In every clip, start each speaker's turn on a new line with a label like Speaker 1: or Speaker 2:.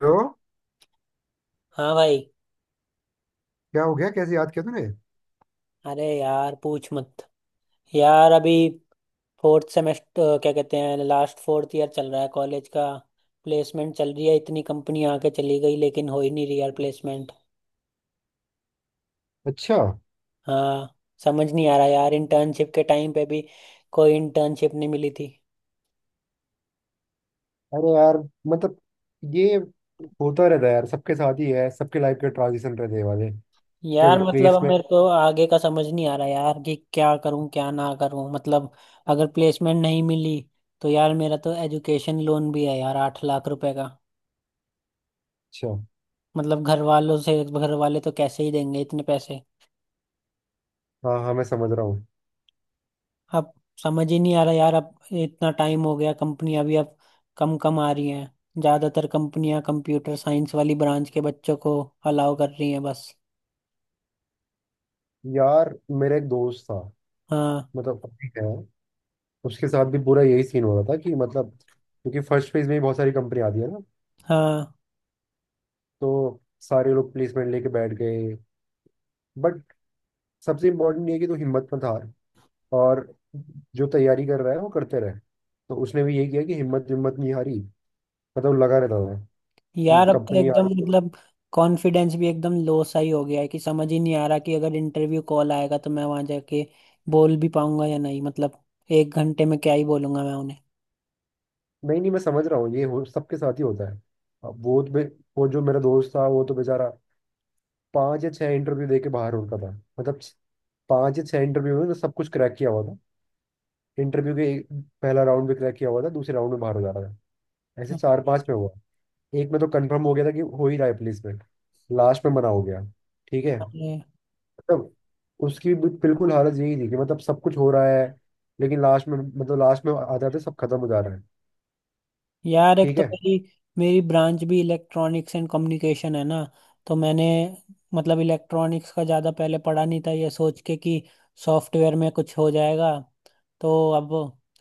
Speaker 1: तो
Speaker 2: हाँ भाई।
Speaker 1: क्या हो गया? कैसे याद किया तूने?
Speaker 2: अरे यार पूछ मत। यार अभी फोर्थ सेमेस्टर क्या कहते हैं, लास्ट फोर्थ ईयर चल रहा है कॉलेज का। प्लेसमेंट चल रही है, इतनी कंपनी आके चली गई लेकिन हो ही नहीं रही यार प्लेसमेंट।
Speaker 1: अच्छा।
Speaker 2: हाँ। समझ नहीं आ रहा यार, इंटर्नशिप के टाइम पे भी कोई इंटर्नशिप नहीं मिली थी।
Speaker 1: अरे यार मतलब ये होता रहता है यार। सबके साथ ही है, सबके लाइफ के ट्रांजिशन रहते हैं वाले कि कभी
Speaker 2: यार मतलब
Speaker 1: प्लेस
Speaker 2: अब
Speaker 1: में।
Speaker 2: मेरे को आगे का समझ नहीं आ रहा यार कि क्या करूं क्या ना करूं, मतलब अगर प्लेसमेंट नहीं मिली तो यार मेरा तो एजुकेशन लोन भी है यार 8 लाख रुपए का।
Speaker 1: अच्छा।
Speaker 2: मतलब घर वालों से घर वाले तो कैसे ही देंगे इतने पैसे।
Speaker 1: हाँ हाँ, मैं समझ रहा हूँ।
Speaker 2: अब समझ ही नहीं आ रहा यार, अब इतना टाइम हो गया, कंपनियां भी अब कम कम आ रही हैं, ज्यादातर कंपनियां कंप्यूटर साइंस वाली ब्रांच के बच्चों को अलाउ कर रही हैं बस।
Speaker 1: यार मेरा एक दोस्त था,
Speaker 2: हाँ
Speaker 1: मतलब अभी है। उसके साथ भी पूरा यही सीन हो रहा था कि मतलब क्योंकि फर्स्ट फेज में ही बहुत सारी कंपनी आती है ना,
Speaker 2: हाँ।
Speaker 1: तो सारे लोग प्लेसमेंट लेके बैठ गए। बट सबसे इम्पोर्टेंट ये है कि तू हिम्मत मत हार, और जो तैयारी कर रहा है वो करते रहे। तो उसने भी यही किया कि हिम्मत हिम्मत नहीं हारी, मतलब लगा रहता था कि
Speaker 2: यार अब तो
Speaker 1: कंपनी आ
Speaker 2: एकदम
Speaker 1: रही।
Speaker 2: मतलब कॉन्फिडेंस भी एकदम लो सा ही हो गया है कि समझ ही नहीं आ रहा कि अगर इंटरव्यू कॉल आएगा तो मैं वहां जाके बोल भी पाऊंगा या नहीं, मतलब एक घंटे में क्या ही बोलूंगा मैं।
Speaker 1: नहीं नहीं, मैं समझ रहा हूँ, ये हो सबके साथ ही होता है। अब वो तो वो जो मेरा दोस्त था वो तो बेचारा पांच या छह इंटरव्यू दे के बाहर होता था। मतलब पांच या छह इंटरव्यू में सब कुछ क्रैक किया हुआ था। इंटरव्यू के पहला राउंड भी क्रैक किया हुआ था, दूसरे राउंड में बाहर हो जा रहा था। ऐसे चार पांच में हुआ। एक में तो कंफर्म हो गया था कि हो ही रहा है प्लेसमेंट, लास्ट में मना हो गया। ठीक है।
Speaker 2: उन्हें।
Speaker 1: मतलब उसकी भी बिल्कुल हालत यही थी कि मतलब सब कुछ हो रहा है, लेकिन लास्ट में, मतलब लास्ट में आते आते सब खत्म हो जा रहा है।
Speaker 2: यार एक
Speaker 1: ठीक
Speaker 2: तो
Speaker 1: है।
Speaker 2: मेरी मेरी ब्रांच भी इलेक्ट्रॉनिक्स एंड कम्युनिकेशन है ना, तो मैंने मतलब इलेक्ट्रॉनिक्स का ज़्यादा पहले पढ़ा नहीं था ये सोच के कि सॉफ्टवेयर में कुछ हो जाएगा, तो अब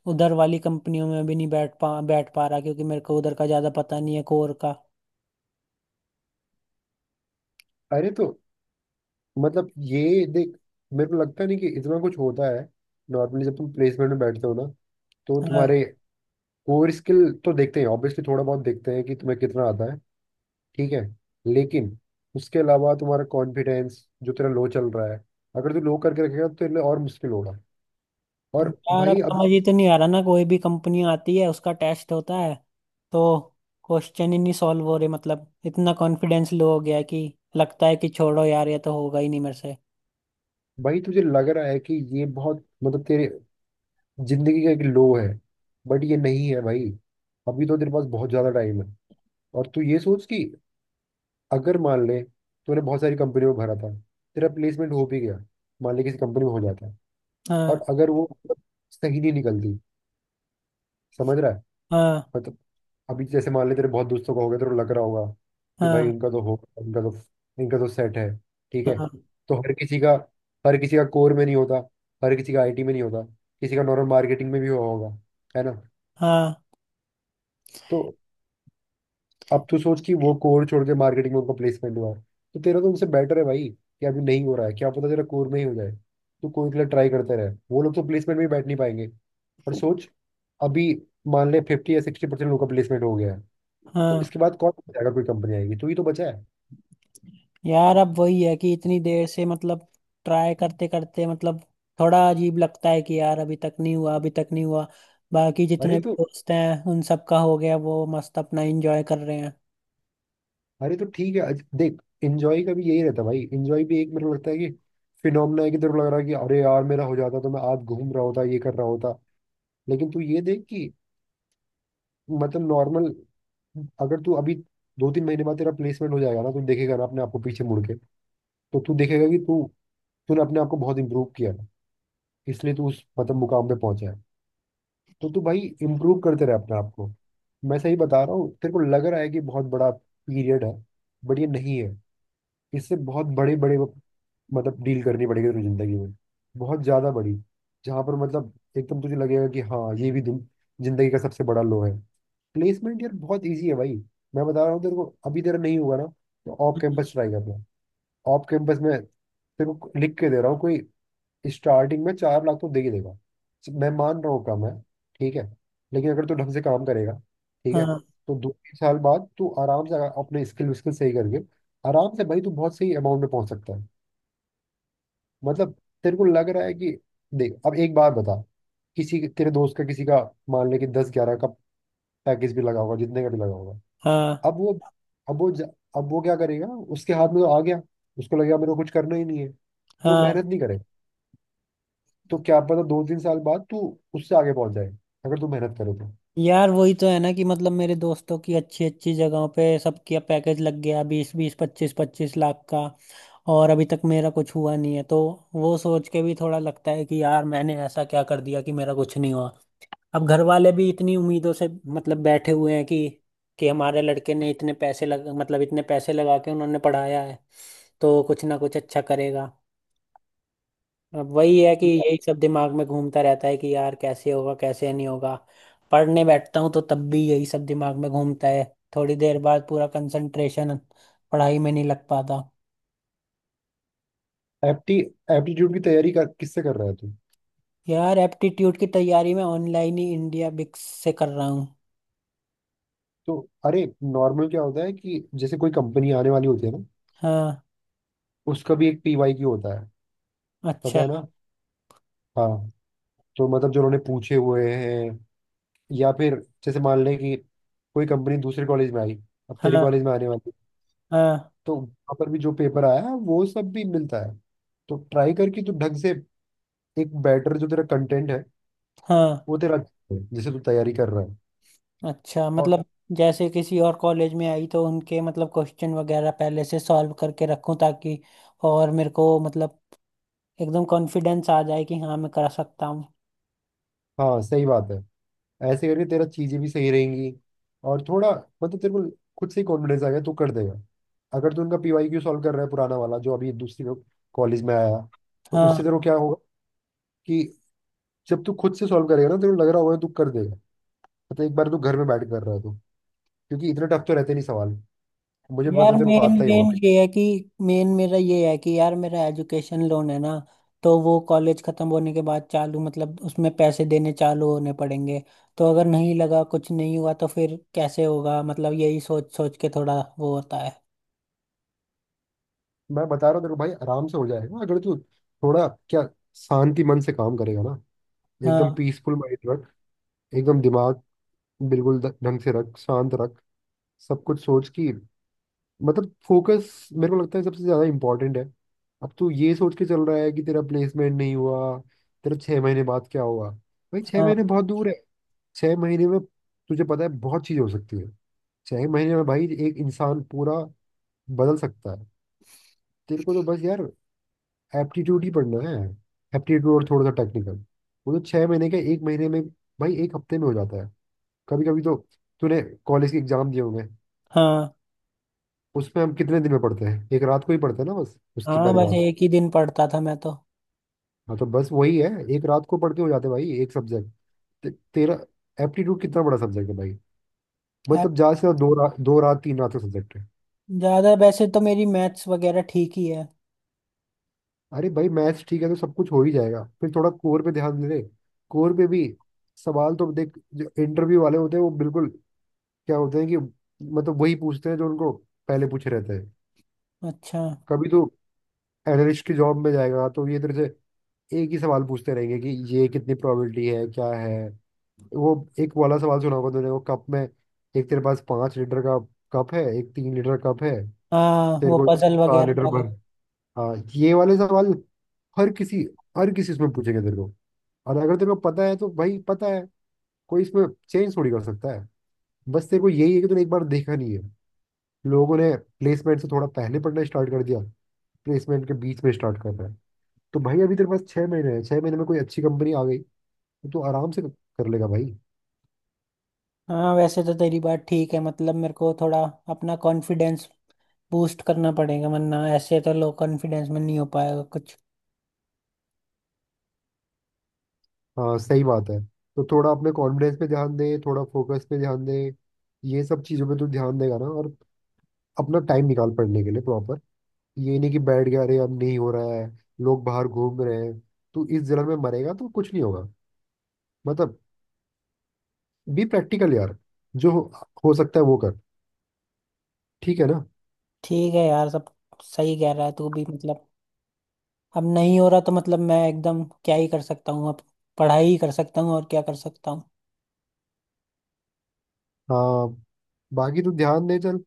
Speaker 2: उधर वाली कंपनियों में भी नहीं बैठ पा रहा क्योंकि मेरे को उधर का ज़्यादा पता नहीं है, कोर का।
Speaker 1: अरे तो मतलब ये देख, मेरे को लगता नहीं कि इतना कुछ होता है। नॉर्मली जब तुम प्लेसमेंट में बैठते हो ना, तो
Speaker 2: हाँ।
Speaker 1: तुम्हारे कोर स्किल तो देखते हैं ऑब्वियसली, थोड़ा बहुत देखते हैं कि तुम्हें कितना आता है। ठीक है। लेकिन उसके अलावा तुम्हारा कॉन्फिडेंस जो तेरा लो चल रहा है, अगर तू लो करके रखेगा तो तेरे लिए और मुश्किल होगा। और
Speaker 2: यार अब
Speaker 1: भाई
Speaker 2: समझ
Speaker 1: अभी,
Speaker 2: ही तो नहीं आ रहा ना, कोई भी कंपनी आती है उसका टेस्ट होता है तो क्वेश्चन ही नहीं सॉल्व हो रहे, मतलब इतना कॉन्फिडेंस लो हो गया है कि लगता है कि छोड़ो यार, ये तो होगा ही नहीं मेरे से।
Speaker 1: भाई तुझे लग रहा है कि ये बहुत मतलब तेरे जिंदगी का एक लो है। बट ये नहीं है भाई। अभी तो तेरे पास बहुत ज्यादा टाइम है। और तू ये सोच कि अगर मान ले तूने बहुत सारी कंपनी में भरा था, तेरा प्लेसमेंट हो भी गया, मान ले किसी कंपनी में हो जाता है,
Speaker 2: हाँ,
Speaker 1: और अगर वो मतलब सही नहीं निकलती, समझ रहा है?
Speaker 2: हाँ,
Speaker 1: मतलब अभी जैसे मान ले तेरे बहुत दोस्तों का होगा, तेरे को लग रहा होगा कि भाई
Speaker 2: हाँ,
Speaker 1: इनका तो होगा, इनका तो, इनका तो सेट है। ठीक है।
Speaker 2: हाँ,
Speaker 1: तो हर किसी का, हर किसी का कोर में नहीं होता, हर किसी का आईटी में नहीं होता, किसी का नॉर्मल मार्केटिंग में भी हुआ होगा, है ना।
Speaker 2: हाँ,
Speaker 1: तो अब तू सोच कि वो कोर छोड़ के मार्केटिंग में उनका प्लेसमेंट हुआ है, तो तेरा तो उनसे बेटर है भाई कि अभी नहीं हो रहा है, क्या पता तेरा कोर में ही हो जाए। तू कोर के लिए ट्राई करते रहे, वो लोग तो प्लेसमेंट में ही बैठ नहीं पाएंगे। पर सोच, अभी मान ले 50 या 60% लोगों का प्लेसमेंट हो गया है,
Speaker 2: हाँ।
Speaker 1: तो इसके बाद कौन जाएगा? कोई कंपनी आएगी तू ही तो बचा है।
Speaker 2: यार अब वही है कि इतनी देर से मतलब ट्राई करते करते मतलब थोड़ा अजीब लगता है कि यार अभी तक नहीं हुआ, अभी तक नहीं हुआ। बाकी
Speaker 1: अरे
Speaker 2: जितने भी
Speaker 1: तो
Speaker 2: दोस्त हैं उन सबका हो गया, वो मस्त अपना एंजॉय कर रहे हैं।
Speaker 1: अरे तो ठीक है, देख, इंजॉय का भी यही रहता है भाई। इंजॉय भी एक, मेरे को लगता है कि फिनोमेना है कि तेरे को लग रहा है कि अरे यार मेरा हो जाता तो मैं आज घूम रहा होता, ये कर रहा होता। लेकिन तू ये देख कि मतलब नॉर्मल, अगर तू अभी 2-3 महीने बाद तेरा प्लेसमेंट हो जाएगा ना, तू देखेगा ना अपने आप को पीछे मुड़ के, तो तू देखेगा कि तू तूने अपने आप को बहुत इम्प्रूव किया है, इसलिए तू उस मतलब मुकाम पे पहुंचा है। तो तू भाई इम्प्रूव करते रहे अपने आप को। मैं सही बता रहा हूँ, तेरे को लग रहा है कि बहुत बड़ा पीरियड है, बट ये नहीं है। इससे बहुत बड़े बड़े मतलब डील करनी पड़ेगी तेरी जिंदगी में, बहुत ज्यादा बड़ी, जहाँ पर मतलब एकदम तुझे लगेगा कि हाँ, ये भी जिंदगी का सबसे बड़ा लो है। प्लेसमेंट यार बहुत इजी है भाई। मैं बता रहा हूँ तेरे को, अभी तेरा नहीं हुआ ना, तो ऑफ
Speaker 2: हम्म।
Speaker 1: कैंपस ट्राई करना। ऑफ कैंपस में तेरे को लिख के दे रहा हूँ, कोई स्टार्टिंग में 4 लाख तो दे ही देगा। मैं मान रहा हूँ कम है, ठीक है, लेकिन अगर तू ढंग से काम करेगा, ठीक है,
Speaker 2: हाँ,
Speaker 1: तो 2-3 साल बाद तू आराम से, अगर अपने स्किल विस्किल सही करके, आराम से भाई तू बहुत सही अमाउंट में पहुंच सकता है। मतलब तेरे को लग रहा है कि, देख अब एक बार बता, किसी तेरे दोस्त का, किसी का मान ले कि 10 11 का पैकेज भी लगा होगा, जितने का भी लगा होगा।
Speaker 2: हाँ,
Speaker 1: अब वो अब वो अब वो क्या करेगा? उसके हाथ में तो आ गया, उसको लगेगा मेरे को कुछ करना ही नहीं है, तो
Speaker 2: हाँ।
Speaker 1: मेहनत नहीं करेगा। तो क्या पता 2-3 साल बाद तू उससे आगे पहुंच जाए, अगर तू मेहनत करे तो।
Speaker 2: यार वही तो है ना कि मतलब मेरे दोस्तों की अच्छी अच्छी जगहों पे सबका पैकेज लग गया, 20-20, 25-25 लाख का, और अभी तक मेरा कुछ हुआ नहीं है, तो वो सोच के भी थोड़ा लगता है कि यार मैंने ऐसा क्या कर दिया कि मेरा कुछ नहीं हुआ। अब घर वाले भी इतनी उम्मीदों से मतलब बैठे हुए हैं कि हमारे लड़के ने इतने पैसे लग मतलब इतने पैसे लगा के उन्होंने पढ़ाया है तो कुछ ना कुछ अच्छा करेगा। अब वही है कि यही सब दिमाग में घूमता रहता है कि यार कैसे होगा कैसे नहीं होगा। पढ़ने बैठता हूँ तो तब भी यही सब दिमाग में घूमता है, थोड़ी देर बाद पूरा कंसंट्रेशन पढ़ाई में नहीं लग पाता।
Speaker 1: एप्टी एप्टीट्यूड की तैयारी कर, किससे कर रहा है तू?
Speaker 2: यार एप्टीट्यूड की तैयारी मैं ऑनलाइन ही इंडिया बिक्स से कर रहा हूँ।
Speaker 1: तो अरे, नॉर्मल क्या होता है कि जैसे कोई कंपनी आने वाली होती है ना,
Speaker 2: हाँ।
Speaker 1: उसका भी एक पीवाई की होता है, पता
Speaker 2: अच्छा।
Speaker 1: है ना। हाँ। तो मतलब जो उन्होंने पूछे हुए हैं, या फिर जैसे मान लें कि कोई कंपनी दूसरे कॉलेज में आई, अब तेरे
Speaker 2: हाँ,
Speaker 1: कॉलेज में आने वाली,
Speaker 2: हाँ,
Speaker 1: तो वहाँ पर भी जो पेपर आया है वो सब भी मिलता है। तो ट्राई करके तो ढंग से, एक बेटर जो तेरा कंटेंट है
Speaker 2: हाँ।
Speaker 1: वो तेरा अच्छा है, जिसे तू तैयारी कर रहा है
Speaker 2: अच्छा
Speaker 1: और
Speaker 2: मतलब जैसे किसी और कॉलेज में आई तो उनके मतलब क्वेश्चन वगैरह पहले से सॉल्व करके रखूं ताकि और मेरे को मतलब एकदम कॉन्फिडेंस आ जाए कि हाँ मैं कर सकता हूँ।
Speaker 1: हाँ सही बात है। ऐसे करके तेरा चीजें भी सही रहेंगी, और थोड़ा मतलब तेरे को खुद से ही कॉन्फिडेंस आ गया, तू कर देगा। अगर तू उनका पीवाईक्यू सॉल्व कर रहा है, पुराना वाला जो अभी दूसरी कॉलेज में आया, तो
Speaker 2: हाँ।
Speaker 1: उससे तेरे को क्या होगा कि जब तू खुद से सॉल्व करेगा ना, तेरे को लग रहा होगा तू कर देगा। मतलब एक बार तू घर में बैठ कर रहा है तू, क्योंकि इतने टफ तो रहते नहीं सवाल, मुझे पता
Speaker 2: यार
Speaker 1: है तेरे को
Speaker 2: मेन
Speaker 1: आता हाँ ही होगा
Speaker 2: मेन
Speaker 1: भाई।
Speaker 2: ये है कि मेन मेरा ये है कि यार मेरा एजुकेशन लोन है ना, तो वो कॉलेज खत्म होने के बाद चालू मतलब उसमें पैसे देने चालू होने पड़ेंगे, तो अगर नहीं लगा, कुछ नहीं हुआ, तो फिर कैसे होगा, मतलब यही सोच सोच के थोड़ा वो होता है।
Speaker 1: मैं बता रहा हूँ तेरे को भाई, आराम से हो जाएगा अगर तू थोड़ा क्या, शांति मन से काम करेगा ना। एकदम
Speaker 2: हाँ,
Speaker 1: पीसफुल माइंड रख, एकदम दिमाग बिल्कुल ढंग से रख, शांत रख। सब कुछ सोच की, मतलब फोकस मेरे को लगता है सबसे ज़्यादा इम्पोर्टेंट है। अब तू ये सोच के चल रहा है कि तेरा प्लेसमेंट नहीं हुआ, तेरा 6 महीने बाद क्या होगा। भाई छः
Speaker 2: हाँ,
Speaker 1: महीने बहुत दूर है, 6 महीने में तुझे पता है बहुत चीज़ हो सकती है, 6 महीने में भाई एक इंसान पूरा बदल सकता है। तेरे को तो बस यार एप्टीट्यूड ही पढ़ना है, एप्टीट्यूड और थोड़ा सा टेक्निकल। वो तो 6 महीने का, एक महीने में भाई, एक हफ्ते में हो जाता है कभी कभी तो। तूने कॉलेज के एग्जाम दिए होंगे,
Speaker 2: हाँ,
Speaker 1: उसमें हम कितने दिन में पढ़ते हैं? एक रात को ही पढ़ते हैं ना, बस उसकी
Speaker 2: हाँ।
Speaker 1: पहले
Speaker 2: बस
Speaker 1: रात को।
Speaker 2: एक ही दिन पढ़ता था मैं तो।
Speaker 1: हाँ, तो बस वही है, एक रात को पढ़ के हो जाते हैं भाई एक सब्जेक्ट। तेरा एप्टीट्यूड कितना बड़ा सब्जेक्ट है भाई?
Speaker 2: ऐप-
Speaker 1: मतलब ज्यादा से ज्यादा दो रात तीन रात का सब्जेक्ट है।
Speaker 2: ज्यादा वैसे तो मेरी मैथ्स वगैरह ठीक ही है।
Speaker 1: अरे भाई मैथ्स ठीक है तो सब कुछ हो ही जाएगा, फिर थोड़ा कोर पे ध्यान दे। कोर पे भी सवाल तो देख, जो इंटरव्यू वाले होते हैं वो बिल्कुल, क्या होता है कि मतलब वही पूछते हैं जो उनको पहले पूछे रहते हैं।
Speaker 2: अच्छा।
Speaker 1: कभी तो एनालिस्ट की जॉब में जाएगा तो ये इधर से एक ही सवाल पूछते रहेंगे कि ये कितनी प्रोबेबिलिटी है, क्या है वो। एक वाला सवाल सुना होगा तूने, वो कप में, एक तेरे पास 5 लीटर का कप है, एक 3 लीटर कप है,
Speaker 2: हाँ,
Speaker 1: तेरे
Speaker 2: वो
Speaker 1: को
Speaker 2: पजल
Speaker 1: चार
Speaker 2: वगैरह
Speaker 1: लीटर
Speaker 2: वाले।
Speaker 1: भर। हाँ, ये वाले सवाल हर किसी, हर किसी इसमें पूछेंगे तेरे को। और अगर तेरे को पता है तो भाई पता है, कोई इसमें चेंज थोड़ी कर सकता है। बस तेरे को यही है कि तूने एक बार देखा नहीं है, लोगों ने प्लेसमेंट से थोड़ा पहले पढ़ना स्टार्ट कर दिया, प्लेसमेंट के बीच में स्टार्ट कर रहा है। तो भाई अभी तेरे पास 6 महीने हैं, 6 महीने में कोई अच्छी कंपनी आ गई तो तू आराम से कर लेगा भाई।
Speaker 2: हाँ वैसे तो तेरी बात ठीक है, मतलब मेरे को थोड़ा अपना कॉन्फिडेंस बूस्ट करना पड़ेगा, वरना ऐसे तो लो कॉन्फिडेंस में नहीं हो पाएगा कुछ।
Speaker 1: हाँ सही बात है, तो थोड़ा अपने कॉन्फिडेंस पे ध्यान दे, थोड़ा फोकस पे ध्यान दे। ये सब चीज़ों पे तू ध्यान देगा ना, और अपना टाइम निकाल पढ़ने के लिए प्रॉपर। ये नहीं कि बैठ गया अरे अब नहीं हो रहा है, लोग बाहर घूम रहे हैं, तू इस जलन में मरेगा तो कुछ नहीं होगा। मतलब बी प्रैक्टिकल यार, जो हो सकता है वो कर, ठीक है ना।
Speaker 2: ठीक है यार, सब सही कह रहा है तू भी, मतलब अब नहीं हो रहा तो मतलब मैं एकदम क्या ही कर सकता हूँ, अब पढ़ाई ही कर सकता हूँ और क्या कर सकता हूँ।
Speaker 1: हाँ, बाकी तू ध्यान दे, चल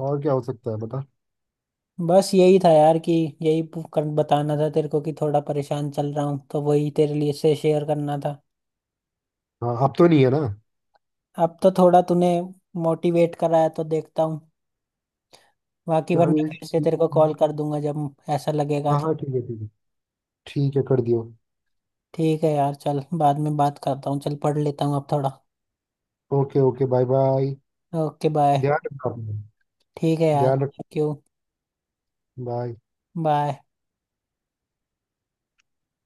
Speaker 1: और क्या हो सकता है बता।
Speaker 2: बस यही था यार कि बताना था तेरे को कि थोड़ा परेशान चल रहा हूँ तो वही तेरे लिए से शेयर करना था।
Speaker 1: हाँ अब तो नहीं है ना।
Speaker 2: अब तो थोड़ा तूने मोटिवेट कराया तो देखता हूँ, बाकी वरना
Speaker 1: चल
Speaker 2: फिर से
Speaker 1: ठीक
Speaker 2: तेरे को
Speaker 1: है।
Speaker 2: कॉल कर दूंगा जब ऐसा लगेगा
Speaker 1: हाँ
Speaker 2: तो।
Speaker 1: हाँ ठीक है ठीक है। ठीक है कर दियो।
Speaker 2: ठीक है यार, चल बाद में बात करता हूँ, चल पढ़ लेता हूँ अब थोड़ा।
Speaker 1: Okay okay bye bye.
Speaker 2: Okay bye.
Speaker 1: ध्यान रखना अपना।
Speaker 2: ठीक है यार,
Speaker 1: ध्यान रख।
Speaker 2: Thank you,
Speaker 1: bye.
Speaker 2: बाय।